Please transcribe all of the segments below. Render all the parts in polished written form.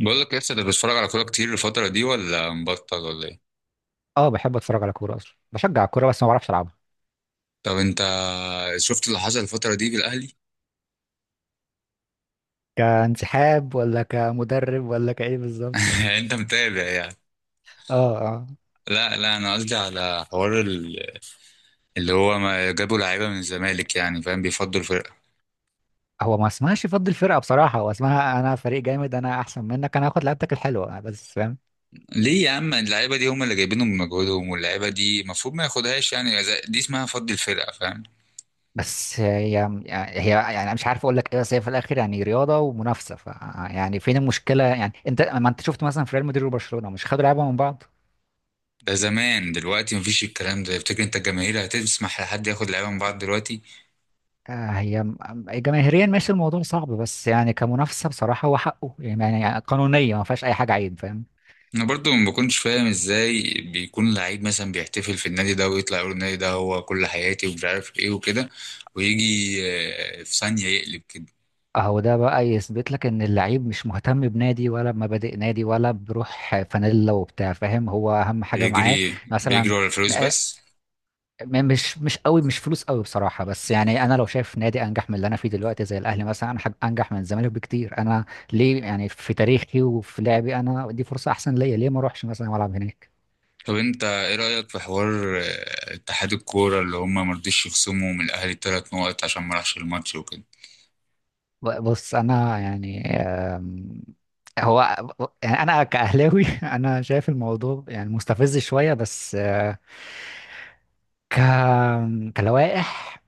بقول لك، لسه انت بتتفرج على كوره كتير الفتره دي ولا مبطل ولا ايه؟ اه، بحب اتفرج على كوره، اصلا بشجع الكوره بس ما بعرفش العبها. طب انت شفت اللي حصل الفتره دي بالاهلي؟ كانسحاب ولا كمدرب ولا كايه بالظبط؟ انت متابع يعني. اه، اه. لا لا، انا قصدي على حوار اللي هو ما جابوا لعيبه من الزمالك، يعني فاهم، بيفضوا الفرقه. هو ما اسمهاش فضل الفرقه بصراحه، هو اسمها انا فريق جامد، انا احسن منك، انا هاخد لعبتك الحلوه، بس فاهم. ليه يا عم؟ اللعيبه دي هم اللي جايبينهم بمجهودهم، واللعيبه دي المفروض ما ياخدهاش، يعني دي اسمها فض الفرقه، فاهم؟ بس هي يعني أنا مش عارف اقول لك ايه، بس هي في الاخر يعني رياضه ومنافسه، ف يعني فين المشكله؟ يعني انت ما انت شفت مثلا في ريال مدريد وبرشلونه مش خدوا لعبه من بعض؟ ده زمان، دلوقتي مفيش الكلام ده. تفتكر انت الجماهير هتسمح لحد ياخد لعيبه من بعض دلوقتي؟ آه، هي م- جماهيريا ماشي الموضوع صعب، بس يعني كمنافسه بصراحه هو حقه، يعني قانونيا ما فيهاش اي حاجه عيب، فاهم. انا برضو ما بكونش فاهم ازاي بيكون لعيب مثلا بيحتفل في النادي ده ويطلع يقول النادي ده هو كل حياتي ومش عارف ايه وكده، ويجي في ثانية يقلب كده. اهو ده بقى يثبت لك ان اللعيب مش مهتم بنادي ولا بمبادئ نادي ولا بروح فانيلا وبتاع، فاهم، هو اهم حاجه معاه بيجري بيجري مثلا. ورا الفلوس آه، بس. مش قوي، مش فلوس قوي بصراحه، بس يعني انا لو شايف نادي انجح من اللي انا فيه دلوقتي زي الاهلي مثلا، أنا انجح من الزمالك بكتير انا، ليه؟ يعني في تاريخي وفي لعبي انا، دي فرصه احسن ليا، ليه ما اروحش مثلا والعب هناك؟ طب انت ايه رأيك في حوار اتحاد الكورة اللي هم مرضيش يخصموا من الاهلي ثلاث نقط عشان ما راحش الماتش وكده؟ بص، انا يعني هو يعني انا كاهلاوي انا شايف الموضوع يعني مستفز شويه، بس ك... كلوائح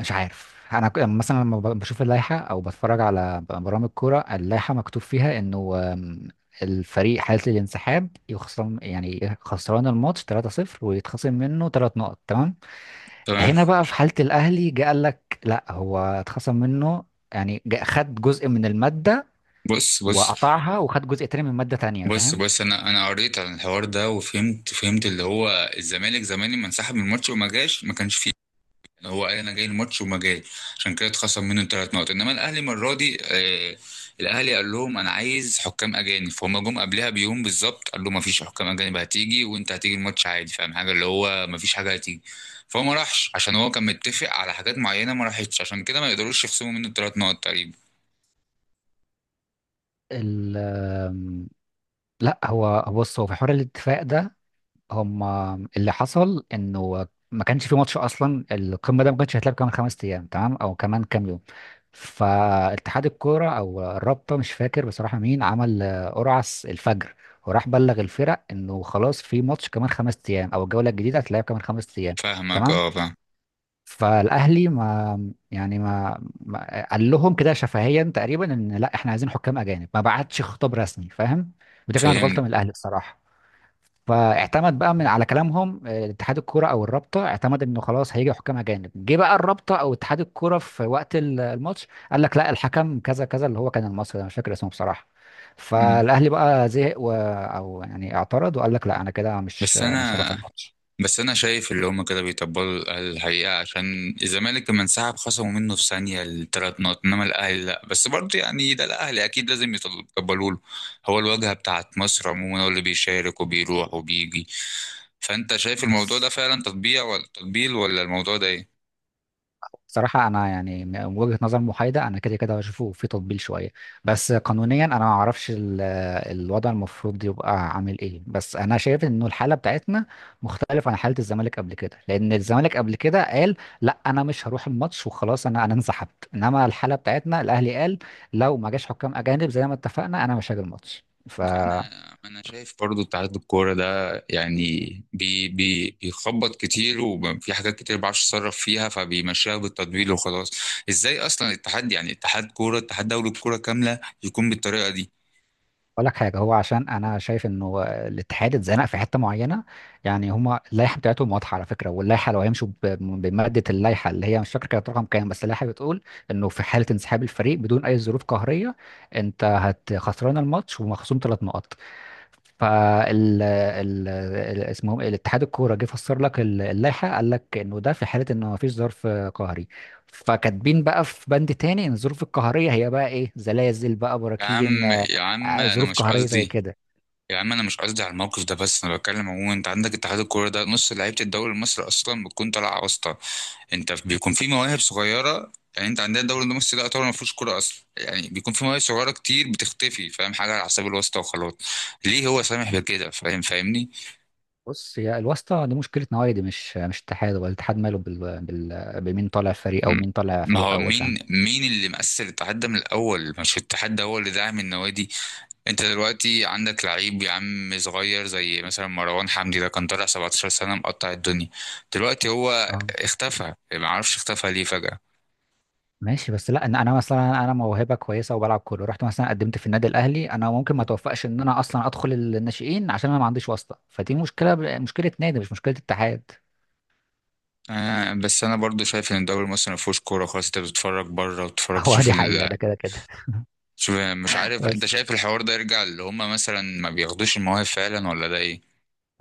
مش عارف. انا يعني مثلا لما بشوف اللائحه او بتفرج على برامج كوره، اللائحه مكتوب فيها انه الفريق حاله الانسحاب يخصم، يعني خسران الماتش 3-0 ويتخصم منه 3 نقط، تمام. تمام. هنا بقى في حاله الاهلي جه قال لك لا، هو اتخصم منه، يعني خد جزء من الماده بص بص. وقطعها، وخد جزء تاني من ماده تانيه، بص فاهم. بص، انا قريت عن الحوار ده وفهمت فهمت اللي هو الزمالك زمان لما انسحب من الماتش وما جاش، ما كانش فيه. هو قال انا جاي الماتش وما جاي، عشان كده اتخصم منه ثلاث نقط. انما الاهلي المره دي الاهلي قال لهم انا عايز حكام اجانب، فهم جم قبلها بيوم بالظبط قال له ما فيش حكام اجانب هتيجي، وانت هتيجي الماتش عادي، فاهم حاجه اللي هو ما فيش حاجه هتيجي. فهو ما راحش عشان هو كان متفق على حاجات معينه ما راحتش، عشان كده ما يقدروش يخصموا منه الثلاث نقط تقريبا. ال آم، لا، هو بص، هو في حوار الاتفاق ده، هم اللي حصل انه ما كانش في ماتش اصلا، القمه ده ما كانش هيتلعب كمان خمس ايام تمام او كمان كام يوم. فاتحاد الكوره او الرابطه، مش فاكر بصراحه مين عمل قرعه الفجر، وراح بلغ الفرق انه خلاص في ماتش كمان خمس ايام، او الجوله الجديده هتتلعب كمان خمس ايام، فاهمك، اه تمام. فاهم. فالاهلي ما يعني ما, ما قال لهم كده شفهيا تقريبا ان لا احنا عايزين حكام اجانب، ما بعتش خطاب رسمي، فاهم. ودي كانت فهمت. غلطه من الاهلي بصراحه. فاعتمد بقى من على كلامهم اتحاد الكوره او الرابطه، اعتمد انه خلاص هيجي حكام اجانب. جه بقى الرابطه او اتحاد الكوره في وقت الماتش قال لك لا، الحكم كذا كذا، اللي هو كان المصري، انا مش فاكر اسمه بصراحه. مم. فالاهلي بقى زهق او يعني اعترض، وقال لك لا انا كده مش بس مش هروح انا الماتش. بس انا شايف اللي هم كده بيطبلوا الاهلي الحقيقه، عشان الزمالك لما انسحب خصموا منه في ثانيه الثلاث نقط، انما الاهلي لا. بس برضه يعني ده الاهلي اكيد لازم يطبلوا له. هو الواجهه بتاعت مصر عموما، هو اللي بيشارك وبيروح وبيجي. فانت شايف الموضوع ده بس فعلا تطبيع ولا تطبيل، ولا الموضوع ده ايه؟ صراحة أنا يعني من وجهة نظر محايدة أنا كده كده بشوفه في تطبيل شوية، بس قانونيا أنا ما أعرفش الوضع المفروض يبقى عامل إيه، بس أنا شايف إنه الحالة بتاعتنا مختلفة عن حالة الزمالك قبل كده، لأن الزمالك قبل كده قال لا أنا مش هروح الماتش وخلاص، أنا انسحبت. إنما الحالة بتاعتنا الأهلي قال لو ما جاش حكام أجانب زي ما اتفقنا أنا مش هاجي الماتش، ف انا انا شايف برضو اتحاد الكوره ده يعني بي بي بيخبط كتير، وفي حاجات كتير ما بعرفش اتصرف فيها فبيمشيها بالتدوير وخلاص. ازاي اصلا الاتحاد يعني اتحاد كوره، اتحاد دوري الكوره كامله، يكون بالطريقه دي؟ اقول لك حاجه، هو عشان انا شايف انه الاتحاد اتزنق في حته معينه، يعني هما اللائحه بتاعتهم واضحه على فكره، واللائحه لو هيمشوا بماده اللائحه اللي هي مش فاكر كانت رقم كام، بس اللائحه بتقول انه في حاله انسحاب الفريق بدون اي ظروف قهريه، انت هت خسران الماتش ومخصوم ثلاث نقط. اسمهم ايه، الاتحاد الكوره، جه فسر لك اللائحه، قال لك انه ده في حاله انه ما فيش ظرف قهري، فكاتبين بقى في بند تاني ان الظروف القهريه هي بقى ايه، زلازل بقى، يا براكين، عم يا عم، انا ظروف مش قهريه زي قصدي. كده. يا عم انا مش قصدي على الموقف ده، بس انا بتكلم عموما. انت عندك اتحاد الكوره ده نص لعيبه الدوري المصري اصلا بتكون طالعه واسطه. انت بيكون في مواهب صغيره، يعني انت عندنا الدوري المصري ده يعتبر ما فيهوش كوره اصلا، يعني بيكون في مواهب صغيره كتير بتختفي، فاهم حاجه، على حساب الواسطه وخلاص. ليه هو سامح بكده؟ فاهم، فاهمني؟ بص، هي الواسطه دي مشكله نوادي، مش اتحاد، ولا الاتحاد ماله بمين طالع فريق او م- مين طالع ما فريق هو اول، مين فاهم. مين اللي مأثر الاتحاد ده من الاول؟ مش الاتحاد ده هو اللي داعم النوادي؟ انت دلوقتي عندك لعيب يا عم صغير زي مثلا مروان حمدي، ده كان طالع 17 سنه مقطع الدنيا. دلوقتي هو اه، اختفى، ما اعرفش اختفى ليه فجأة. ماشي، بس لا، ان انا مثلا انا موهبه كويسه وبلعب كوره، رحت مثلا قدمت في النادي الاهلي، انا ممكن ما توفقش ان انا اصلا ادخل الناشئين عشان انا ما عنديش واسطه، فدي مشكله، مشكله نادي، مش مشكله اتحاد. بس انا برضو شايف ان الدوري المصري ما فيهوش كوره خالص. انت بتتفرج بره وتتفرج هو تشوف دي حقيقه، ال... ده كده كده. تشوف، مش عارف، انت بس شايف الحوار ده يرجع اللي هما مثلا ما بياخدوش المواهب فعلا ولا ده ايه؟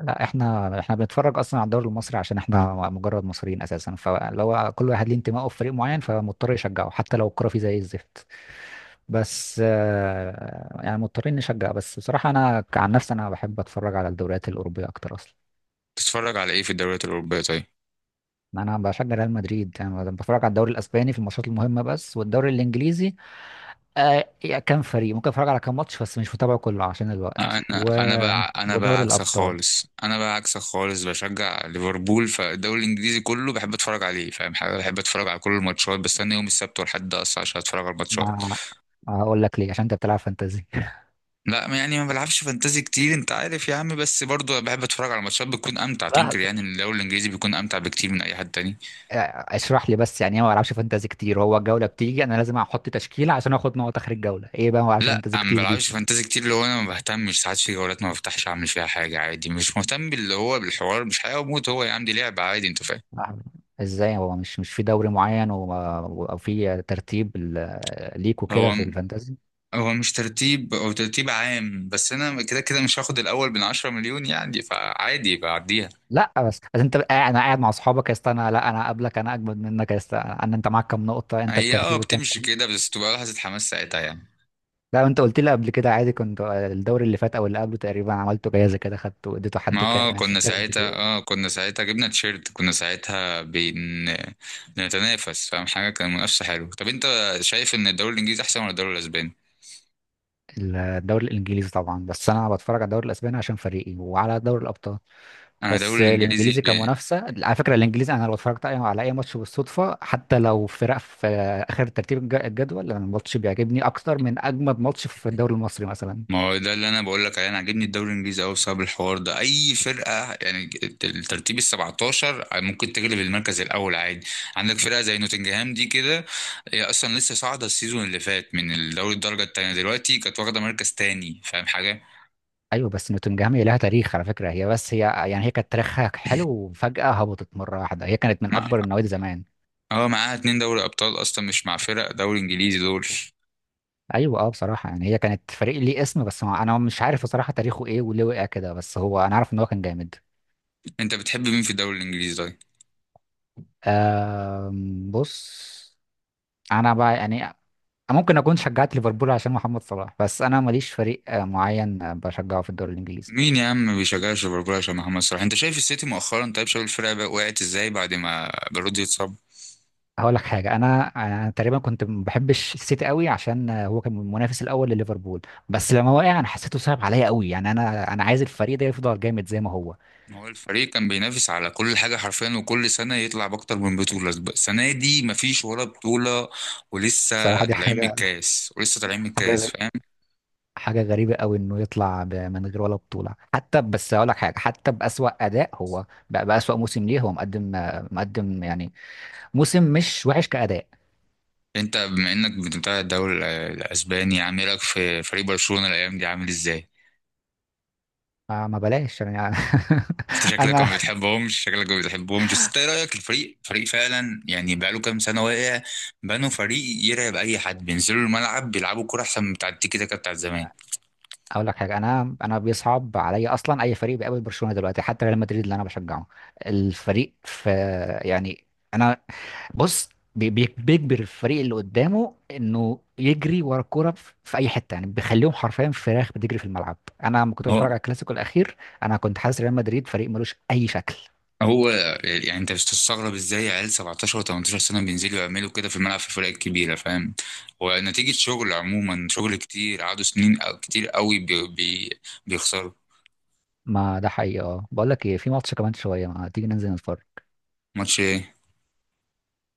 لا، احنا بنتفرج اصلا على الدوري المصري عشان احنا مجرد مصريين اساسا، فلو كل واحد ليه انتمائه في فريق معين فمضطر يشجعه حتى لو الكوره فيه زي الزفت. بس يعني مضطرين نشجع، بس بصراحه انا عن نفسي انا بحب اتفرج على الدوريات الاوروبيه اكتر اصلا. تتفرج على ايه في الدوريات الاوروبيه طيب؟ انا بشجع ريال مدريد، يعني انا بتفرج على الدوري الاسباني في الماتشات المهمه بس، والدوري الانجليزي آه، يا كام فريق، ممكن اتفرج على كام ماتش بس مش متابعه كله عشان الوقت انا انا بقى انا بقى ودوري عكسك الابطال. خالص، انا بقى عكسك خالص، بشجع ليفربول، فالدوري الانجليزي كله بحب اتفرج عليه، فاهم حاجه، بحب اتفرج على كل الماتشات، بستنى يوم السبت والحد اصلا عشان اتفرج على الماتشات. ما هقول لك ليه، عشان انت بتلعب فانتازي. لا يعني ما بلعبش فانتازي كتير، انت عارف يا عم، بس برضه بحب اتفرج على ماتشات بتكون امتع، تنكر لحظة. يعني إن الدوري الانجليزي بيكون امتع بكتير من اي حد تاني. اشرح لي بس يعني ايه ما بلعبش فانتازي كتير؟ هو الجوله بتيجي انا لازم احط تشكيله عشان اخد نقط اخر الجوله، ايه بقى ما بلعبش لا، فانتازي انا ما كتير دي؟ بلعبش فانتازي كتير، اللي هو انا ما بهتمش ساعات في جولات ما بفتحش اعمل فيها حاجه عادي، مش مهتم باللي هو بالحوار، مش حياه وموت، هو يا عم دي لعبه عادي، انت فاهم. لحظة. ازاي هو مش في دوري معين او في ترتيب ليك وكده هو في الفانتازي؟ هو مش ترتيب، هو ترتيب عام، بس انا كده كده مش هاخد الاول من 10 مليون يعني، فعادي بعديها. لا، بس انت قاعد، انا قاعد مع اصحابك يا اسطى، انا لا، انا قبلك، انا اجمد منك يا اسطى، انا انت معاك كام نقطه، انت هي الترتيب كام؟ بتمشي كده بس تبقى لحظه حماس ساعتها يعني. لا، انت قلت لي قبل كده عادي كنت الدوري اللي فات او اللي قبله تقريبا عملته جايزه كده، خدته اديته حد كده، اه انا مش كنا فاكر اديته ساعتها ايه. اه كنا ساعتها جبنا تيشيرت، كنا ساعتها بنتنافس، فاهم حاجه، كان منافسه حلوه. طب انت شايف ان الدوري الانجليزي احسن ولا الدوري الاسباني؟ الدوري الانجليزي طبعا، بس انا بتفرج على الدوري الاسباني عشان فريقي، وعلى دوري الابطال، انا بس الدوري الانجليزي الانجليزي كمنافسه. على فكره الانجليزي انا لو اتفرجت على اي ماتش بالصدفه، حتى لو فرق في اخر ترتيب الجدول، انا الماتش بيعجبني اكتر من اجمد ماتش في الدوري المصري مثلا. ما هو ده اللي انا بقول لك عليه. انا عاجبني الدوري الانجليزي قوي بسبب الحوار ده، اي فرقه يعني، الترتيب ال 17 ممكن تغلب المركز الاول عادي. عندك فرقه زي نوتنجهام دي كده، هي اصلا لسه صاعده السيزون اللي فات من الدوري الدرجه التانيه، دلوقتي كانت واخده مركز تاني، فاهم حاجه. ايوه، بس نوتنجهام هي لها تاريخ على فكره، هي بس هي يعني هي كانت تاريخها حلو وفجاه هبطت مره واحده، هي كانت من اكبر النوادي زمان. اه معاها اتنين دوري ابطال اصلا، مش مع فرق دوري انجليزي دول. ايوه، اه، بصراحه يعني هي كانت فريق ليه اسم، بس ما انا مش عارف بصراحه تاريخه ايه وليه وقع كده، بس هو انا عارف ان هو كان جامد. انت بتحب مين في الدوري الانجليزي طيب؟ بص، انا بقى يعني ممكن اكون شجعت ليفربول عشان محمد صلاح، بس انا ماليش فريق معين بشجعه في الدوري الانجليزي. مين يا عم ما بيشجعش ليفربول عشان محمد صلاح؟ انت شايف السيتي مؤخرا طيب، شايف الفرقه بقى وقعت ازاي بعد ما بيرودي اتصاب؟ هقول لك حاجه، انا انا تقريبا كنت ما بحبش السيتي قوي عشان هو كان المنافس الاول لليفربول، بس لما وقع انا حسيته صعب عليا قوي، يعني انا عايز الفريق ده يفضل جامد زي ما هو. ما هو الفريق كان بينافس على كل حاجه حرفيا، وكل سنه يطلع باكتر من بطوله، السنه دي مفيش ولا بطوله. ولسه بصراحه دي طالعين من حاجه، الكاس، ولسه طالعين من حاجه الكاس، غ- فاهم. حاجه غريبه قوي انه يطلع من غير ولا بطوله حتى، بس هقول لك حاجه، حتى باسوا اداء هو بقى باسوا موسم ليه، هو مقدم، مقدم يعني موسم مش وحش كاداء. انت بما انك بتتابع الدوري الاسباني، عامل لك في فريق برشلونه الايام دي عامل ازاي؟ ما بلاش يعني. انت شكلك انا ما بتحبهمش، شكلك ما بتحبهمش، بس انت ايه رايك؟ الفريق فريق فعلا يعني بقاله كام سنه واقع، بنوا فريق يرعب اي حد، بينزلوا الملعب بيلعبوا كوره احسن من بتاع التيكي تاكا بتاعت زمان. اقول لك حاجه، انا بيصعب عليا اصلا اي فريق بيقابل برشلونه دلوقتي، حتى ريال مدريد اللي انا بشجعه، الفريق في يعني، انا بص بيجبر الفريق اللي قدامه انه يجري ورا الكوره في في اي حته، يعني بيخليهم حرفيا فراخ بتجري في الملعب. انا لما كنت هو بتفرج على الكلاسيكو الاخير انا كنت حاسس ريال مدريد فريق ملوش اي شكل. هو يعني انت بتستغرب ازاي عيال 17 و18 سنه بينزلوا يعملوا كده في الملعب في الفرق الكبيره، فاهم. هو نتيجه شغل عموما، شغل كتير قعدوا سنين كتير قوي بي بي بيخسروا ما ده حقيقي، اه، بقول لك ايه، في ماتش كمان شويه، ما تيجي ننزل نتفرج؟ ماتش ايه؟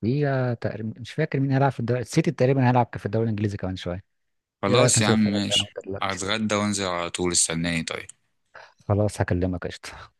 في تقريبا مش فاكر مين هيلعب في الدوري، السيتي تقريبا هيلعب في الدوري الانجليزي كمان شويه. ايه رايك خلاص يا ننزل عم، نتفرج على ماشي، دلوقتي؟ هتغدى وانزل على طول، استناني طيب. خلاص، هكلمك، قشطة.